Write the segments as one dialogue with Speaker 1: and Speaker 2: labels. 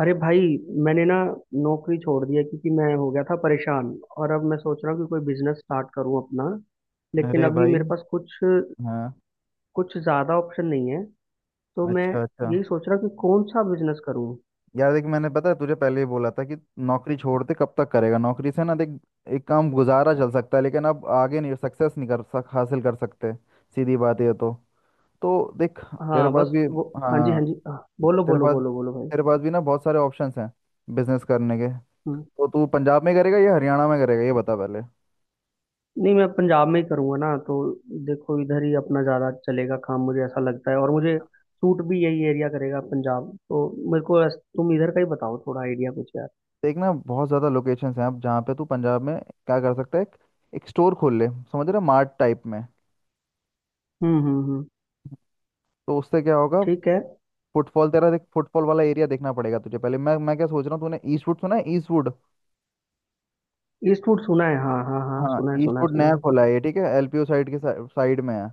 Speaker 1: अरे भाई। मैंने ना नौकरी छोड़ दी है क्योंकि मैं हो गया था परेशान। और अब मैं सोच रहा हूँ कि कोई बिजनेस स्टार्ट करूँ अपना। लेकिन
Speaker 2: अरे
Speaker 1: अभी
Speaker 2: भाई।
Speaker 1: मेरे पास कुछ
Speaker 2: हाँ।
Speaker 1: कुछ ज़्यादा ऑप्शन नहीं है। तो मैं
Speaker 2: अच्छा अच्छा।
Speaker 1: यही सोच रहा हूँ कि कौन सा बिजनेस करूँ।
Speaker 2: यार देख, मैंने पता है तुझे पहले ही बोला था कि नौकरी छोड़ते कब तक करेगा नौकरी से, ना देख एक काम गुजारा चल सकता है लेकिन अब आगे नहीं, सक्सेस नहीं कर सक हासिल कर सकते। सीधी बात ये तो। तो देख, तेरे
Speaker 1: हाँ
Speaker 2: पास
Speaker 1: बस
Speaker 2: भी।
Speaker 1: वो। हाँ जी,
Speaker 2: हाँ,
Speaker 1: हाँ जी, हाँ, बोलो
Speaker 2: तेरे
Speaker 1: बोलो
Speaker 2: पास
Speaker 1: बोलो बोलो भाई।
Speaker 2: तेरे पास भी ना बहुत सारे ऑप्शंस हैं बिजनेस करने के।
Speaker 1: हम्म।
Speaker 2: तो तू पंजाब में करेगा या हरियाणा में करेगा ये बता पहले।
Speaker 1: नहीं मैं पंजाब में ही करूँगा ना तो। देखो इधर ही अपना ज़्यादा चलेगा काम, मुझे ऐसा लगता है। और मुझे सूट भी यही एरिया करेगा, पंजाब तो। मेरे को तुम इधर का ही बताओ थोड़ा आइडिया कुछ यार।
Speaker 2: देख ना बहुत ज़्यादा लोकेशंस हैं, अब जहाँ पे तू पंजाब में क्या कर सकता है, एक स्टोर खोल ले समझ रहा, मार्ट टाइप में।
Speaker 1: हम्म।
Speaker 2: तो उससे क्या होगा,
Speaker 1: ठीक है।
Speaker 2: फुटफॉल तेरा, देख फुटफॉल वाला एरिया देखना पड़ेगा तुझे पहले। मैं क्या सोच रहा हूँ, तूने ईस्टवुड सुना है ईस्टवुड।
Speaker 1: ईस्टवुड सुना है, हाँ हाँ हाँ,
Speaker 2: हाँ
Speaker 1: सुना है सुना है
Speaker 2: ईस्टवुड
Speaker 1: सुना
Speaker 2: नया
Speaker 1: है।
Speaker 2: खोला है ये, ठीक है एलपीयू साइड में है,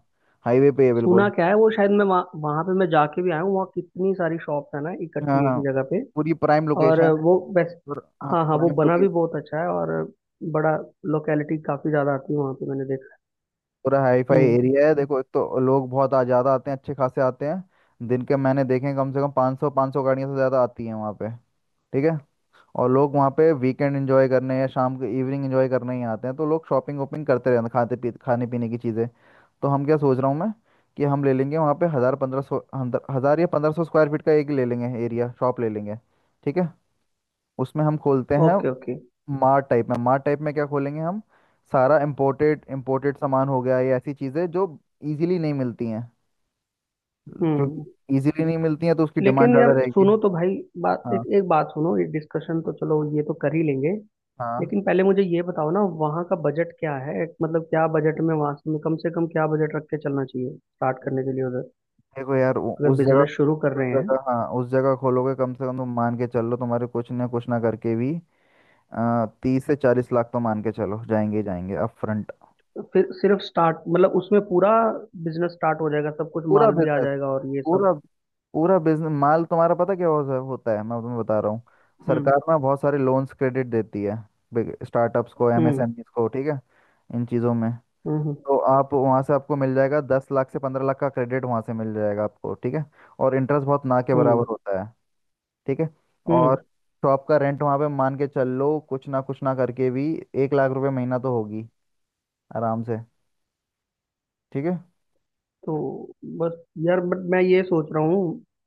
Speaker 2: हाईवे पे है
Speaker 1: सुना
Speaker 2: बिल्कुल।
Speaker 1: क्या है वो, शायद मैं वहाँ वहाँ पे मैं जाके भी आया हूँ। वहाँ कितनी सारी शॉप्स है ना
Speaker 2: हाँ
Speaker 1: इकट्ठी एक
Speaker 2: हाँ,
Speaker 1: ही जगह पे।
Speaker 2: पूरी प्राइम
Speaker 1: और
Speaker 2: लोकेशन है।
Speaker 1: वो बेस्ट।
Speaker 2: और हाँ
Speaker 1: हाँ हाँ, वो
Speaker 2: प्राइम
Speaker 1: बना भी
Speaker 2: लोकेशन,
Speaker 1: बहुत अच्छा है। और बड़ा लोकेलिटी काफी ज्यादा आती है वहाँ पे मैंने देखा
Speaker 2: पूरा हाई
Speaker 1: है।
Speaker 2: फाई
Speaker 1: हम्म।
Speaker 2: एरिया है। देखो एक तो लोग बहुत आ ज़्यादा आते हैं, अच्छे खासे आते हैं, दिन के मैंने देखे हैं, कम से कम 500 गाड़ियाँ से ज़्यादा आती हैं वहाँ पे। ठीक है। और लोग वहाँ पे वीकेंड एंजॉय करने या शाम को इवनिंग एंजॉय करने ही आते हैं, तो लोग शॉपिंग वॉपिंग करते रहते हैं, खाते पी खाने पीने की चीज़ें। तो हम क्या सोच रहा हूँ मैं, कि हम ले लेंगे वहाँ पे हज़ार पंद्रह सौ, हज़ार या पंद्रह सौ स्क्वायर फीट का एक ले लेंगे एरिया, शॉप ले लेंगे। ठीक है। उसमें हम खोलते हैं
Speaker 1: ओके ओके।
Speaker 2: मार्ट टाइप में। मार्ट टाइप में क्या खोलेंगे हम, सारा इम्पोर्टेड इम्पोर्टेड सामान हो गया, या ऐसी चीज़ें जो इजीली नहीं मिलती हैं, क्योंकि
Speaker 1: हम्म।
Speaker 2: इजीली नहीं मिलती हैं तो उसकी डिमांड
Speaker 1: लेकिन
Speaker 2: ज़्यादा
Speaker 1: यार
Speaker 2: रहेगी।
Speaker 1: सुनो तो भाई, बात एक,
Speaker 2: हाँ
Speaker 1: एक बात सुनो। ये डिस्कशन तो चलो ये तो कर ही लेंगे।
Speaker 2: हाँ।
Speaker 1: लेकिन पहले मुझे ये बताओ ना वहाँ का बजट क्या है। मतलब क्या बजट में, वहाँ से कम क्या बजट रख के चलना चाहिए स्टार्ट करने के लिए उधर,
Speaker 2: देखो यार
Speaker 1: अगर
Speaker 2: उस जगह,
Speaker 1: बिजनेस शुरू कर
Speaker 2: उस
Speaker 1: रहे हैं।
Speaker 2: जगह हाँ उस जगह खोलोगे, कम से कम तुम मान के चलो तुम्हारे कुछ ना करके भी, तीस से चालीस लाख तो मान के चलो जाएंगे ही जाएंगे अप फ्रंट।
Speaker 1: तो फिर सिर्फ स्टार्ट मतलब उसमें पूरा बिजनेस स्टार्ट हो जाएगा, सब कुछ
Speaker 2: पूरा
Speaker 1: माल भी आ
Speaker 2: बिजनेस,
Speaker 1: जाएगा और ये सब।
Speaker 2: पूरा, पूरा बिजनेस माल तुम्हारा पता क्या होता है, मैं तुम्हें बता रहा हूँ।
Speaker 1: हम्म
Speaker 2: सरकार ना बहुत सारे लोन्स क्रेडिट देती है स्टार्टअप्स को,
Speaker 1: हम्म
Speaker 2: एमएसएमईज को, ठीक है, इन चीज़ों में।
Speaker 1: हम्म।
Speaker 2: तो आप वहाँ से आपको मिल जाएगा दस लाख से पंद्रह लाख का क्रेडिट वहाँ से मिल जाएगा आपको, ठीक है। और इंटरेस्ट बहुत ना के
Speaker 1: हम्म
Speaker 2: बराबर होता है। ठीक है।
Speaker 1: हम्म।
Speaker 2: और शॉप का रेंट वहां पे मान के चल लो, कुछ ना करके भी एक लाख रुपए महीना तो होगी आराम से। ठीक है।
Speaker 1: तो बस यार, बट मैं ये सोच रहा हूँ।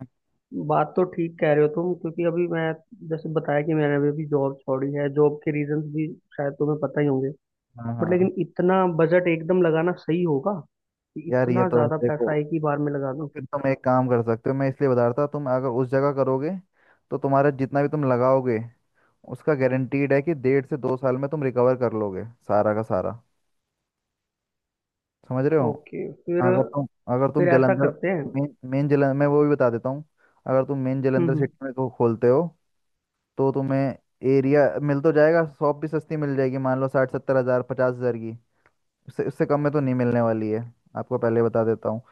Speaker 1: बात तो ठीक कह रहे हो तुम। क्योंकि अभी मैं जैसे बताया कि मैंने अभी अभी जॉब छोड़ी है। जॉब के रीजंस भी शायद तुम्हें पता ही होंगे।
Speaker 2: हाँ
Speaker 1: बट
Speaker 2: हाँ।
Speaker 1: लेकिन इतना बजट एकदम लगाना सही होगा कि
Speaker 2: यार ये
Speaker 1: इतना
Speaker 2: तो है
Speaker 1: ज़्यादा
Speaker 2: देखो,
Speaker 1: पैसा एक ही बार में लगा
Speaker 2: तो
Speaker 1: दूं।
Speaker 2: फिर तुम एक काम कर सकते हो, मैं इसलिए बता रहा था। तुम अगर उस जगह करोगे, तो तुम्हारा जितना भी तुम लगाओगे उसका गारंटीड है कि डेढ़ से दो साल में तुम रिकवर कर लोगे सारा का सारा, समझ रहे हो।
Speaker 1: ओके। फिर
Speaker 2: अगर तुम, अगर तुम
Speaker 1: फिर ऐसा
Speaker 2: जलंधर
Speaker 1: करते हैं।
Speaker 2: मेन मेन जलंधर मैं वो भी बता देता हूँ। अगर तुम मेन जलंधर
Speaker 1: हम्म।
Speaker 2: सिटी में को खोलते हो, तो तुम्हें एरिया मिल तो जाएगा, शॉप भी सस्ती मिल जाएगी, मान लो साठ सत्तर हज़ार, पचास हज़ार की। उससे उससे कम में तो नहीं मिलने वाली है, आपको पहले बता देता हूँ।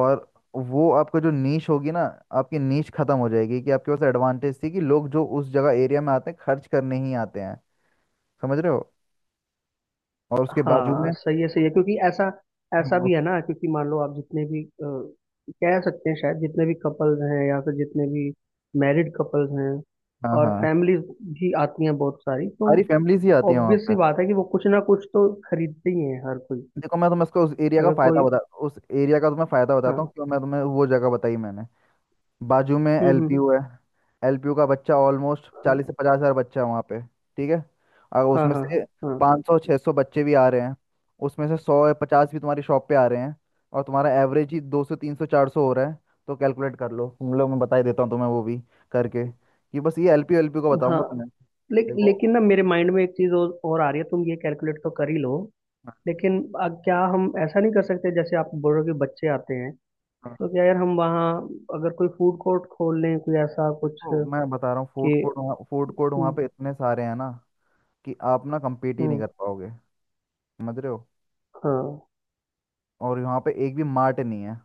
Speaker 2: और वो आपका जो नीश होगी ना, आपकी नीश खत्म हो जाएगी, कि आपके पास एडवांटेज थी कि लोग जो उस जगह एरिया में आते हैं खर्च करने ही आते हैं, समझ रहे हो। और उसके बाजू में,
Speaker 1: हाँ सही है सही है, क्योंकि ऐसा ऐसा
Speaker 2: हाँ
Speaker 1: भी है ना। क्योंकि मान लो आप जितने भी कह सकते हैं, शायद जितने भी कपल्स हैं या फिर जितने भी मैरिड कपल्स हैं।
Speaker 2: हाँ
Speaker 1: और
Speaker 2: हाँ,
Speaker 1: फैमिलीज भी आती हैं बहुत सारी। तो
Speaker 2: सारी फैमिलीज ही आती हैं वहाँ
Speaker 1: ऑब्वियस
Speaker 2: पे।
Speaker 1: सी बात है कि वो कुछ ना कुछ तो खरीदते ही हैं हर कोई।
Speaker 2: देखो मैं तुम्हें उसका उस एरिया का
Speaker 1: अगर
Speaker 2: फायदा
Speaker 1: कोई।
Speaker 2: बता, उस एरिया का तुम्हें फायदा बताता हूँ
Speaker 1: हाँ।
Speaker 2: क्यों मैं तुम्हें वो जगह बताई मैंने। बाजू में
Speaker 1: हम्म।
Speaker 2: एलपीयू है। एलपीयू का बच्चा ऑलमोस्ट
Speaker 1: हाँ
Speaker 2: चालीस से पचास हजार बच्चा है वहाँ पे, ठीक है। और
Speaker 1: हाँ
Speaker 2: उसमें
Speaker 1: हाँ।
Speaker 2: से
Speaker 1: हाँ
Speaker 2: पाँच सौ छः सौ बच्चे भी आ रहे हैं, उसमें से सौ या पचास भी तुम्हारी शॉप पे आ रहे हैं, और तुम्हारा एवरेज ही दो सौ तीन सौ चार सौ हो रहा है। तो कैलकुलेट कर लो तुम लोग, मैं बता ही देता हूँ तुम्हें वो भी करके, कि बस ये एलपीयू एलपीयू का
Speaker 1: हाँ।
Speaker 2: बताऊंगा तुम्हें।
Speaker 1: लेक,
Speaker 2: देखो
Speaker 1: लेकिन ना मेरे माइंड में एक चीज और आ रही है। तुम ये कैलकुलेट तो कर ही लो।
Speaker 2: हाँ,
Speaker 1: लेकिन क्या हम ऐसा नहीं कर सकते। जैसे आप बोल रहे हो कि बच्चे आते हैं,
Speaker 2: हाँ,
Speaker 1: तो क्या यार हम वहाँ अगर कोई फूड कोर्ट खोल लें कोई ऐसा कुछ
Speaker 2: देखो मैं
Speaker 1: कि।
Speaker 2: बता रहा हूँ, फूड कोर्ट वहाँ
Speaker 1: हम्म
Speaker 2: पे इतने सारे हैं ना, कि आप ना कम्पीट ही नहीं
Speaker 1: हम्म,
Speaker 2: कर पाओगे, समझ रहे हो।
Speaker 1: हाँ
Speaker 2: और यहाँ पे एक भी मार्ट नहीं है।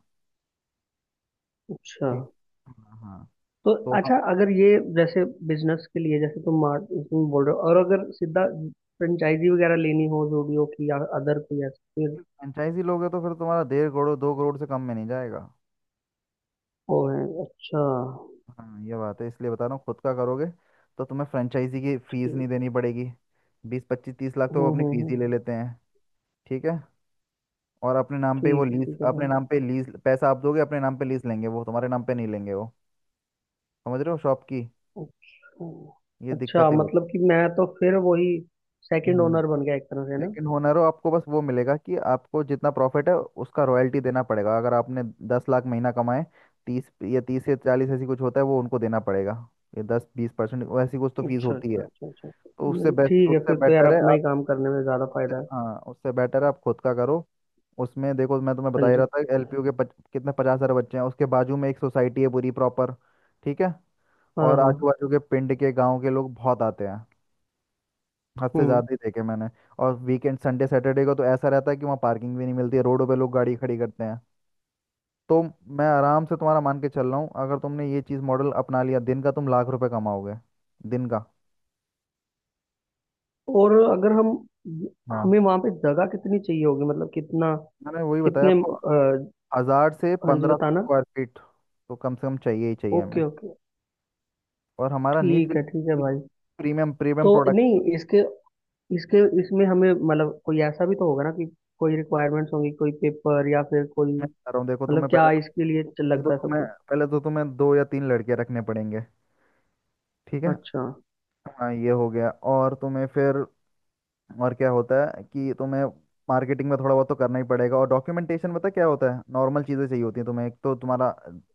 Speaker 1: अच्छा।
Speaker 2: ठीक। हाँ हाँ।
Speaker 1: तो
Speaker 2: तो हम,
Speaker 1: अच्छा अगर ये जैसे बिजनेस के लिए जैसे तुम मार्ट, तुम बोल रहे हो। और अगर सीधा फ्रेंचाइजी वगैरह लेनी हो जूडियो की या अदर कोई ऐसा फिर।
Speaker 2: फ्रेंचाइजी लोगे तो फिर तुम्हारा डेढ़ करोड़ दो करोड़ से कम में नहीं जाएगा।
Speaker 1: वो है अच्छा।
Speaker 2: हाँ ये बात है, इसलिए बता रहा हूँ। खुद का करोगे तो तुम्हें फ्रेंचाइजी की फीस नहीं
Speaker 1: ठीक।
Speaker 2: देनी पड़ेगी, बीस पच्चीस तीस लाख तो वो अपनी फीस
Speaker 1: हम्म।
Speaker 2: ही ले लेते हैं, ठीक है। और अपने नाम पे वो लीज,
Speaker 1: ठीक है भाई।
Speaker 2: अपने नाम पे लीज पैसा आप दोगे, अपने नाम पे लीज लेंगे वो, तुम्हारे नाम पे नहीं लेंगे वो, समझ रहे हो शॉप की
Speaker 1: अच्छा।
Speaker 2: ये
Speaker 1: अच्छा
Speaker 2: दिक्कतें
Speaker 1: मतलब कि मैं तो फिर वही सेकंड
Speaker 2: होती।
Speaker 1: ओनर बन गया एक तरह से ना।
Speaker 2: सेकंड ओनर हो आपको, बस वो मिलेगा कि आपको जितना प्रॉफिट है उसका रॉयल्टी देना पड़ेगा। अगर आपने दस लाख महीना कमाए, तीस या चालीस ऐसी कुछ होता है वो उनको देना पड़ेगा, ये दस बीस परसेंट वैसी कुछ तो फीस
Speaker 1: अच्छा
Speaker 2: होती है।
Speaker 1: अच्छा अच्छा अच्छा।
Speaker 2: तो उससे
Speaker 1: नहीं,
Speaker 2: बेस्ट,
Speaker 1: ठीक है।
Speaker 2: उससे
Speaker 1: फिर तो यार
Speaker 2: बेटर है
Speaker 1: अपना
Speaker 2: आप,
Speaker 1: ही काम करने में ज़्यादा
Speaker 2: उससे
Speaker 1: फायदा है।
Speaker 2: हाँ उससे बेटर है आप खुद का करो। उसमें देखो मैं तुम्हें बता
Speaker 1: हाँ
Speaker 2: ही रहा
Speaker 1: जी।
Speaker 2: था एलपीयू के कितने पचास सारे बच्चे हैं, उसके बाजू में एक सोसाइटी है पूरी प्रॉपर, ठीक है।
Speaker 1: हाँ
Speaker 2: और
Speaker 1: हाँ।
Speaker 2: आजू बाजू के पिंड के गांव के लोग बहुत आते हैं, हद से
Speaker 1: हम्म।
Speaker 2: ज्यादा ही देखे मैंने। और वीकेंड संडे सैटरडे को तो ऐसा रहता है कि वहाँ पार्किंग भी नहीं मिलती है, रोडों पे लोग गाड़ी खड़ी करते हैं। तो मैं आराम से तुम्हारा मान के चल रहा हूँ, अगर तुमने ये चीज़ मॉडल अपना लिया दिन का तुम लाख रुपए कमाओगे, दिन का।
Speaker 1: और अगर हम
Speaker 2: हाँ,
Speaker 1: हमें वहाँ पे जगह कितनी चाहिए होगी, मतलब कितना,
Speaker 2: मैंने वही बताया
Speaker 1: कितने
Speaker 2: आपको,
Speaker 1: अ,
Speaker 2: हजार से
Speaker 1: हाँ जी
Speaker 2: पंद्रह सौ
Speaker 1: बताना।
Speaker 2: स्क्वायर फीट तो कम से कम चाहिए ही चाहिए हमें।
Speaker 1: Okay okay.
Speaker 2: और हमारा नीच
Speaker 1: ठीक है
Speaker 2: बिल्कुल
Speaker 1: भाई।
Speaker 2: प्रीमियम, प्रीमियम
Speaker 1: तो
Speaker 2: प्रोडक्ट।
Speaker 1: नहीं इसके इसके इसमें हमें मतलब कोई ऐसा भी तो होगा ना कि कोई रिक्वायरमेंट्स होंगी, कोई पेपर या फिर कोई।
Speaker 2: में बता रहा हूँ देखो
Speaker 1: मतलब
Speaker 2: तुम्हें, पहले
Speaker 1: क्या
Speaker 2: तो
Speaker 1: इसके लिए
Speaker 2: पहले तो
Speaker 1: लगता है सब
Speaker 2: तुम्हें
Speaker 1: कुछ।
Speaker 2: पहले तो तुम्हें दो या तीन लड़के रखने पड़ेंगे, ठीक है।
Speaker 1: अच्छा।
Speaker 2: हाँ ये हो गया। और तुम्हें फिर, और क्या होता है कि तुम्हें मार्केटिंग में थोड़ा बहुत तो करना ही पड़ेगा, और डॉक्यूमेंटेशन पता है क्या होता है, नॉर्मल चीज़ें चाहिए होती हैं तुम्हें, एक तो तुम्हारा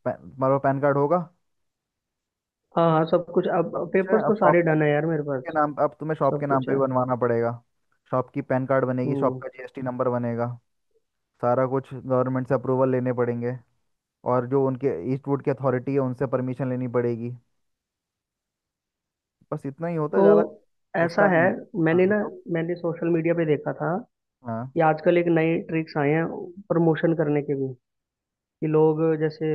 Speaker 2: तुम्हारा पैन कार्ड होगा,
Speaker 1: हाँ हाँ सब कुछ, अब
Speaker 2: अब कुछ है।
Speaker 1: पेपर्स
Speaker 2: अब
Speaker 1: तो
Speaker 2: शॉप
Speaker 1: सारे डन है यार मेरे
Speaker 2: के
Speaker 1: पास।
Speaker 2: नाम, अब तुम्हें शॉप के
Speaker 1: सब
Speaker 2: नाम
Speaker 1: कुछ
Speaker 2: पे भी
Speaker 1: है।
Speaker 2: बनवाना पड़ेगा, शॉप की पैन कार्ड बनेगी, शॉप
Speaker 1: हम्म।
Speaker 2: का जीएसटी नंबर बनेगा, सारा कुछ गवर्नमेंट से अप्रूवल लेने पड़ेंगे। और जो उनके ईस्टवुड की अथॉरिटी है उनसे परमिशन लेनी पड़ेगी। बस इतना ही होता है
Speaker 1: तो
Speaker 2: ज़्यादा
Speaker 1: ऐसा
Speaker 2: उसका नहीं
Speaker 1: है
Speaker 2: है। हाँ
Speaker 1: मैंने ना,
Speaker 2: बताओ।
Speaker 1: मैंने सोशल मीडिया पे देखा था
Speaker 2: हाँ
Speaker 1: कि आजकल एक नए ट्रिक्स आए हैं प्रमोशन करने के भी। कि लोग जैसे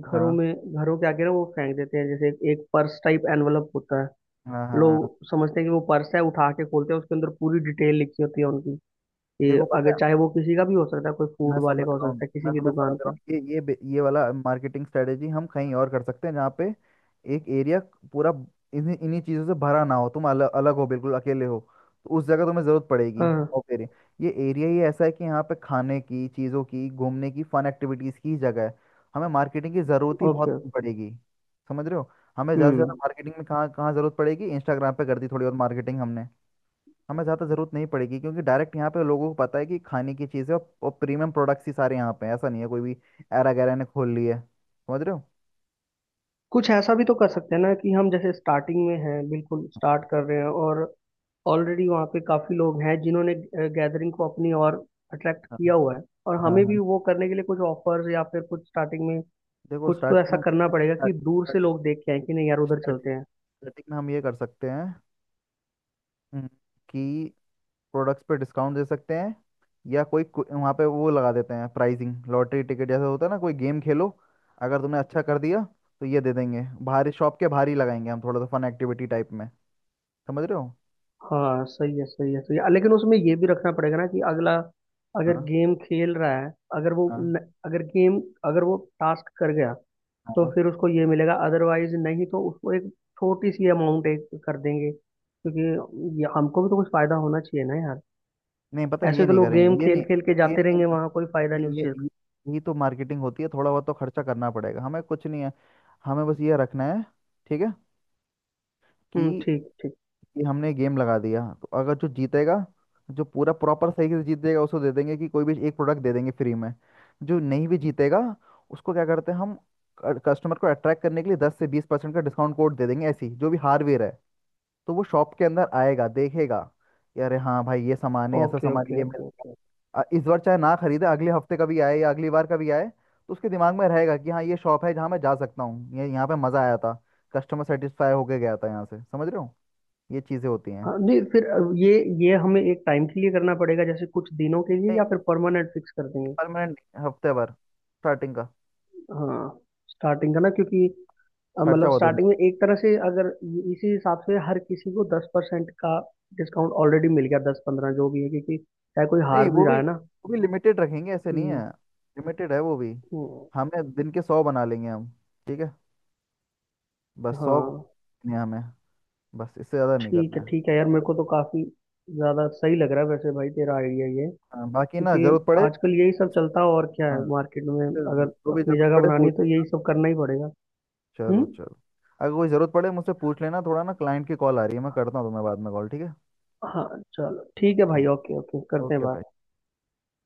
Speaker 1: घरों
Speaker 2: हाँ
Speaker 1: में, घरों के आगे ना वो फेंक देते हैं जैसे एक पर्स टाइप एनवलप होता है।
Speaker 2: हाँ हाँ हाँ।
Speaker 1: लोग समझते हैं कि वो पर्स है, उठा के खोलते हैं, उसके अंदर पूरी डिटेल लिखी होती है उनकी कि
Speaker 2: देखो पता
Speaker 1: अगर
Speaker 2: है,
Speaker 1: चाहे वो किसी का भी हो सकता है, कोई
Speaker 2: मैं
Speaker 1: फूड वाले
Speaker 2: समझ
Speaker 1: का हो
Speaker 2: रहा हूँ,
Speaker 1: सकता है, किसी
Speaker 2: मैं
Speaker 1: भी
Speaker 2: तुम्हें समझ
Speaker 1: दुकान
Speaker 2: रहा
Speaker 1: का।
Speaker 2: हूँ, ये वाला मार्केटिंग स्ट्रेटेजी हम कहीं और कर सकते हैं, जहाँ पे एक एरिया पूरा इन्हीं इन्हीं चीज़ों से भरा ना हो, तुम अलग अलग हो बिल्कुल, अकेले हो, तो उस जगह तुम्हें ज़रूरत पड़ेगी।
Speaker 1: हाँ।
Speaker 2: और फिर ये एरिया ही ऐसा है कि यहाँ पे खाने की चीज़ों की, घूमने की, फन एक्टिविटीज़ की जगह है, हमें मार्केटिंग की ज़रूरत ही बहुत
Speaker 1: ओके।
Speaker 2: कम पड़ेगी, समझ रहे हो। हमें ज़्यादा से ज़्यादा
Speaker 1: हम्म।
Speaker 2: मार्केटिंग में कहाँ कहाँ ज़रूरत पड़ेगी, इंस्टाग्राम पे कर दी थोड़ी बहुत मार्केटिंग हमने, हमें ज़्यादा ज़रूरत नहीं पड़ेगी। क्योंकि डायरेक्ट यहाँ पे लोगों को पता है कि खाने की चीज़ है, और प्रीमियम प्रोडक्ट्स ही सारे यहाँ पे हैं, ऐसा नहीं है कोई भी एरा गैरा ने खोल ली है, समझ रहे हो।
Speaker 1: कुछ ऐसा भी तो कर सकते हैं ना कि हम जैसे स्टार्टिंग में हैं, बिल्कुल स्टार्ट कर रहे हैं। और ऑलरेडी वहाँ पे काफी लोग हैं जिन्होंने गैदरिंग को अपनी ओर अट्रैक्ट
Speaker 2: हाँ
Speaker 1: किया हुआ है। और
Speaker 2: हाँ
Speaker 1: हमें भी
Speaker 2: हाँ।
Speaker 1: वो करने के लिए कुछ ऑफर्स या फिर कुछ स्टार्टिंग में
Speaker 2: देखो
Speaker 1: कुछ तो
Speaker 2: स्टार्टिंग
Speaker 1: ऐसा
Speaker 2: में,
Speaker 1: करना पड़ेगा कि दूर से
Speaker 2: स्टार्टिंग,
Speaker 1: लोग देख के आए कि नहीं यार उधर चलते हैं।
Speaker 2: स्टार्टिंग में हम ये कर सकते हैं, हम्म, कि प्रोडक्ट्स पे डिस्काउंट दे सकते हैं, या कोई वहाँ पे वो लगा देते हैं प्राइजिंग लॉटरी टिकट जैसा होता है ना, कोई गेम खेलो, अगर तुमने अच्छा कर दिया तो ये दे देंगे, बाहर शॉप के बाहर ही लगाएंगे हम, थोड़ा सा फन एक्टिविटी टाइप में, समझ रहे हो।
Speaker 1: हाँ सही है सही है सही है। लेकिन उसमें ये भी रखना पड़ेगा ना कि अगला अगर
Speaker 2: हाँ
Speaker 1: गेम खेल रहा है, अगर वो
Speaker 2: हाँ
Speaker 1: न, अगर गेम अगर वो टास्क कर गया तो
Speaker 2: हाँ।
Speaker 1: फिर उसको ये मिलेगा, अदरवाइज नहीं तो उसको एक छोटी सी अमाउंट एक कर देंगे। क्योंकि ये हमको भी तो कुछ फायदा होना चाहिए ना यार।
Speaker 2: नहीं पता है ये
Speaker 1: ऐसे तो
Speaker 2: नहीं
Speaker 1: लोग
Speaker 2: करेंगे,
Speaker 1: गेम
Speaker 2: ये
Speaker 1: खेल
Speaker 2: नहीं,
Speaker 1: खेल के
Speaker 2: ये
Speaker 1: जाते
Speaker 2: नहीं,
Speaker 1: रहेंगे वहां, कोई फायदा नहीं
Speaker 2: नहीं
Speaker 1: उस
Speaker 2: ये
Speaker 1: चीज का।
Speaker 2: ये, ये तो मार्केटिंग होती है, थोड़ा बहुत तो खर्चा करना पड़ेगा हमें, कुछ नहीं है। हमें बस ये रखना है, ठीक है,
Speaker 1: हम्म,
Speaker 2: कि,
Speaker 1: ठीक ठीक।
Speaker 2: कि हमने गेम लगा दिया तो अगर जो जीतेगा, जो पूरा प्रॉपर सही से जीतेगा उसको दे देंगे, कि कोई भी एक प्रोडक्ट दे देंगे फ्री में। जो नहीं भी जीतेगा उसको क्या करते हैं हम, कस्टमर को अट्रैक्ट करने के लिए दस से बीस परसेंट का डिस्काउंट कोड दे देंगे, ऐसी जो भी हार्डवेयर है, तो वो शॉप के अंदर आएगा देखेगा कि अरे हाँ भाई ये सामान है, ऐसा
Speaker 1: ओके
Speaker 2: सामान
Speaker 1: ओके
Speaker 2: ये मिल,
Speaker 1: ओके ओके।
Speaker 2: इस बार चाहे ना खरीदे, अगले हफ्ते कभी आए या अगली बार कभी आए, तो उसके दिमाग में रहेगा कि हाँ ये शॉप है जहाँ मैं जा सकता हूँ, ये यहाँ पे मज़ा आया था, कस्टमर सेटिस्फाई होके गया था यहाँ से, समझ रहे हो, ये चीज़ें होती हैं।
Speaker 1: हाँ नहीं फिर ये हमें एक टाइम के लिए करना पड़ेगा जैसे कुछ दिनों के लिए,
Speaker 2: नहीं,
Speaker 1: या फिर परमानेंट फिक्स कर देंगे।
Speaker 2: परमानेंट, हफ्ते भर स्टार्टिंग का,
Speaker 1: हाँ। स्टार्टिंग का ना, क्योंकि
Speaker 2: खर्चा
Speaker 1: मतलब
Speaker 2: बहुत हो
Speaker 1: स्टार्टिंग
Speaker 2: जाए।
Speaker 1: में एक तरह से, अगर इसी हिसाब से हर किसी को 10% का डिस्काउंट ऑलरेडी मिल गया, 10-15 जो भी है, क्योंकि चाहे कोई हार
Speaker 2: नहीं
Speaker 1: भी
Speaker 2: वो
Speaker 1: रहा
Speaker 2: भी,
Speaker 1: है ना।
Speaker 2: लिमिटेड रखेंगे, ऐसे नहीं
Speaker 1: हम्म
Speaker 2: है, लिमिटेड है वो भी।
Speaker 1: हम्म,
Speaker 2: हमें दिन के सौ बना लेंगे हम, ठीक है, बस सौ,
Speaker 1: हाँ
Speaker 2: नहीं हमें, बस इससे ज़्यादा नहीं करना है,
Speaker 1: ठीक है यार। मेरे
Speaker 2: समझ।
Speaker 1: को तो काफी ज्यादा सही लग रहा है वैसे भाई तेरा आइडिया ये।
Speaker 2: हाँ, बाकी ना
Speaker 1: क्योंकि
Speaker 2: ज़रूरत पड़े,
Speaker 1: आजकल यही सब चलता है और क्या
Speaker 2: हाँ
Speaker 1: है मार्केट में।
Speaker 2: इससे
Speaker 1: अगर
Speaker 2: जो भी
Speaker 1: अपनी
Speaker 2: जरूरत
Speaker 1: जगह
Speaker 2: पड़े
Speaker 1: बनानी है
Speaker 2: पूछ।
Speaker 1: तो यही सब करना ही पड़ेगा। हम्म।
Speaker 2: चलो चलो, अगर कोई ज़रूरत पड़े मुझसे पूछ लेना, थोड़ा ना क्लाइंट की कॉल आ रही है, मैं करता हूँ तुम्हें बाद में कॉल, ठीक है।
Speaker 1: हाँ चलो ठीक है भाई,
Speaker 2: ठीक।
Speaker 1: ओके ओके करते हैं
Speaker 2: ओके भाई।
Speaker 1: बात।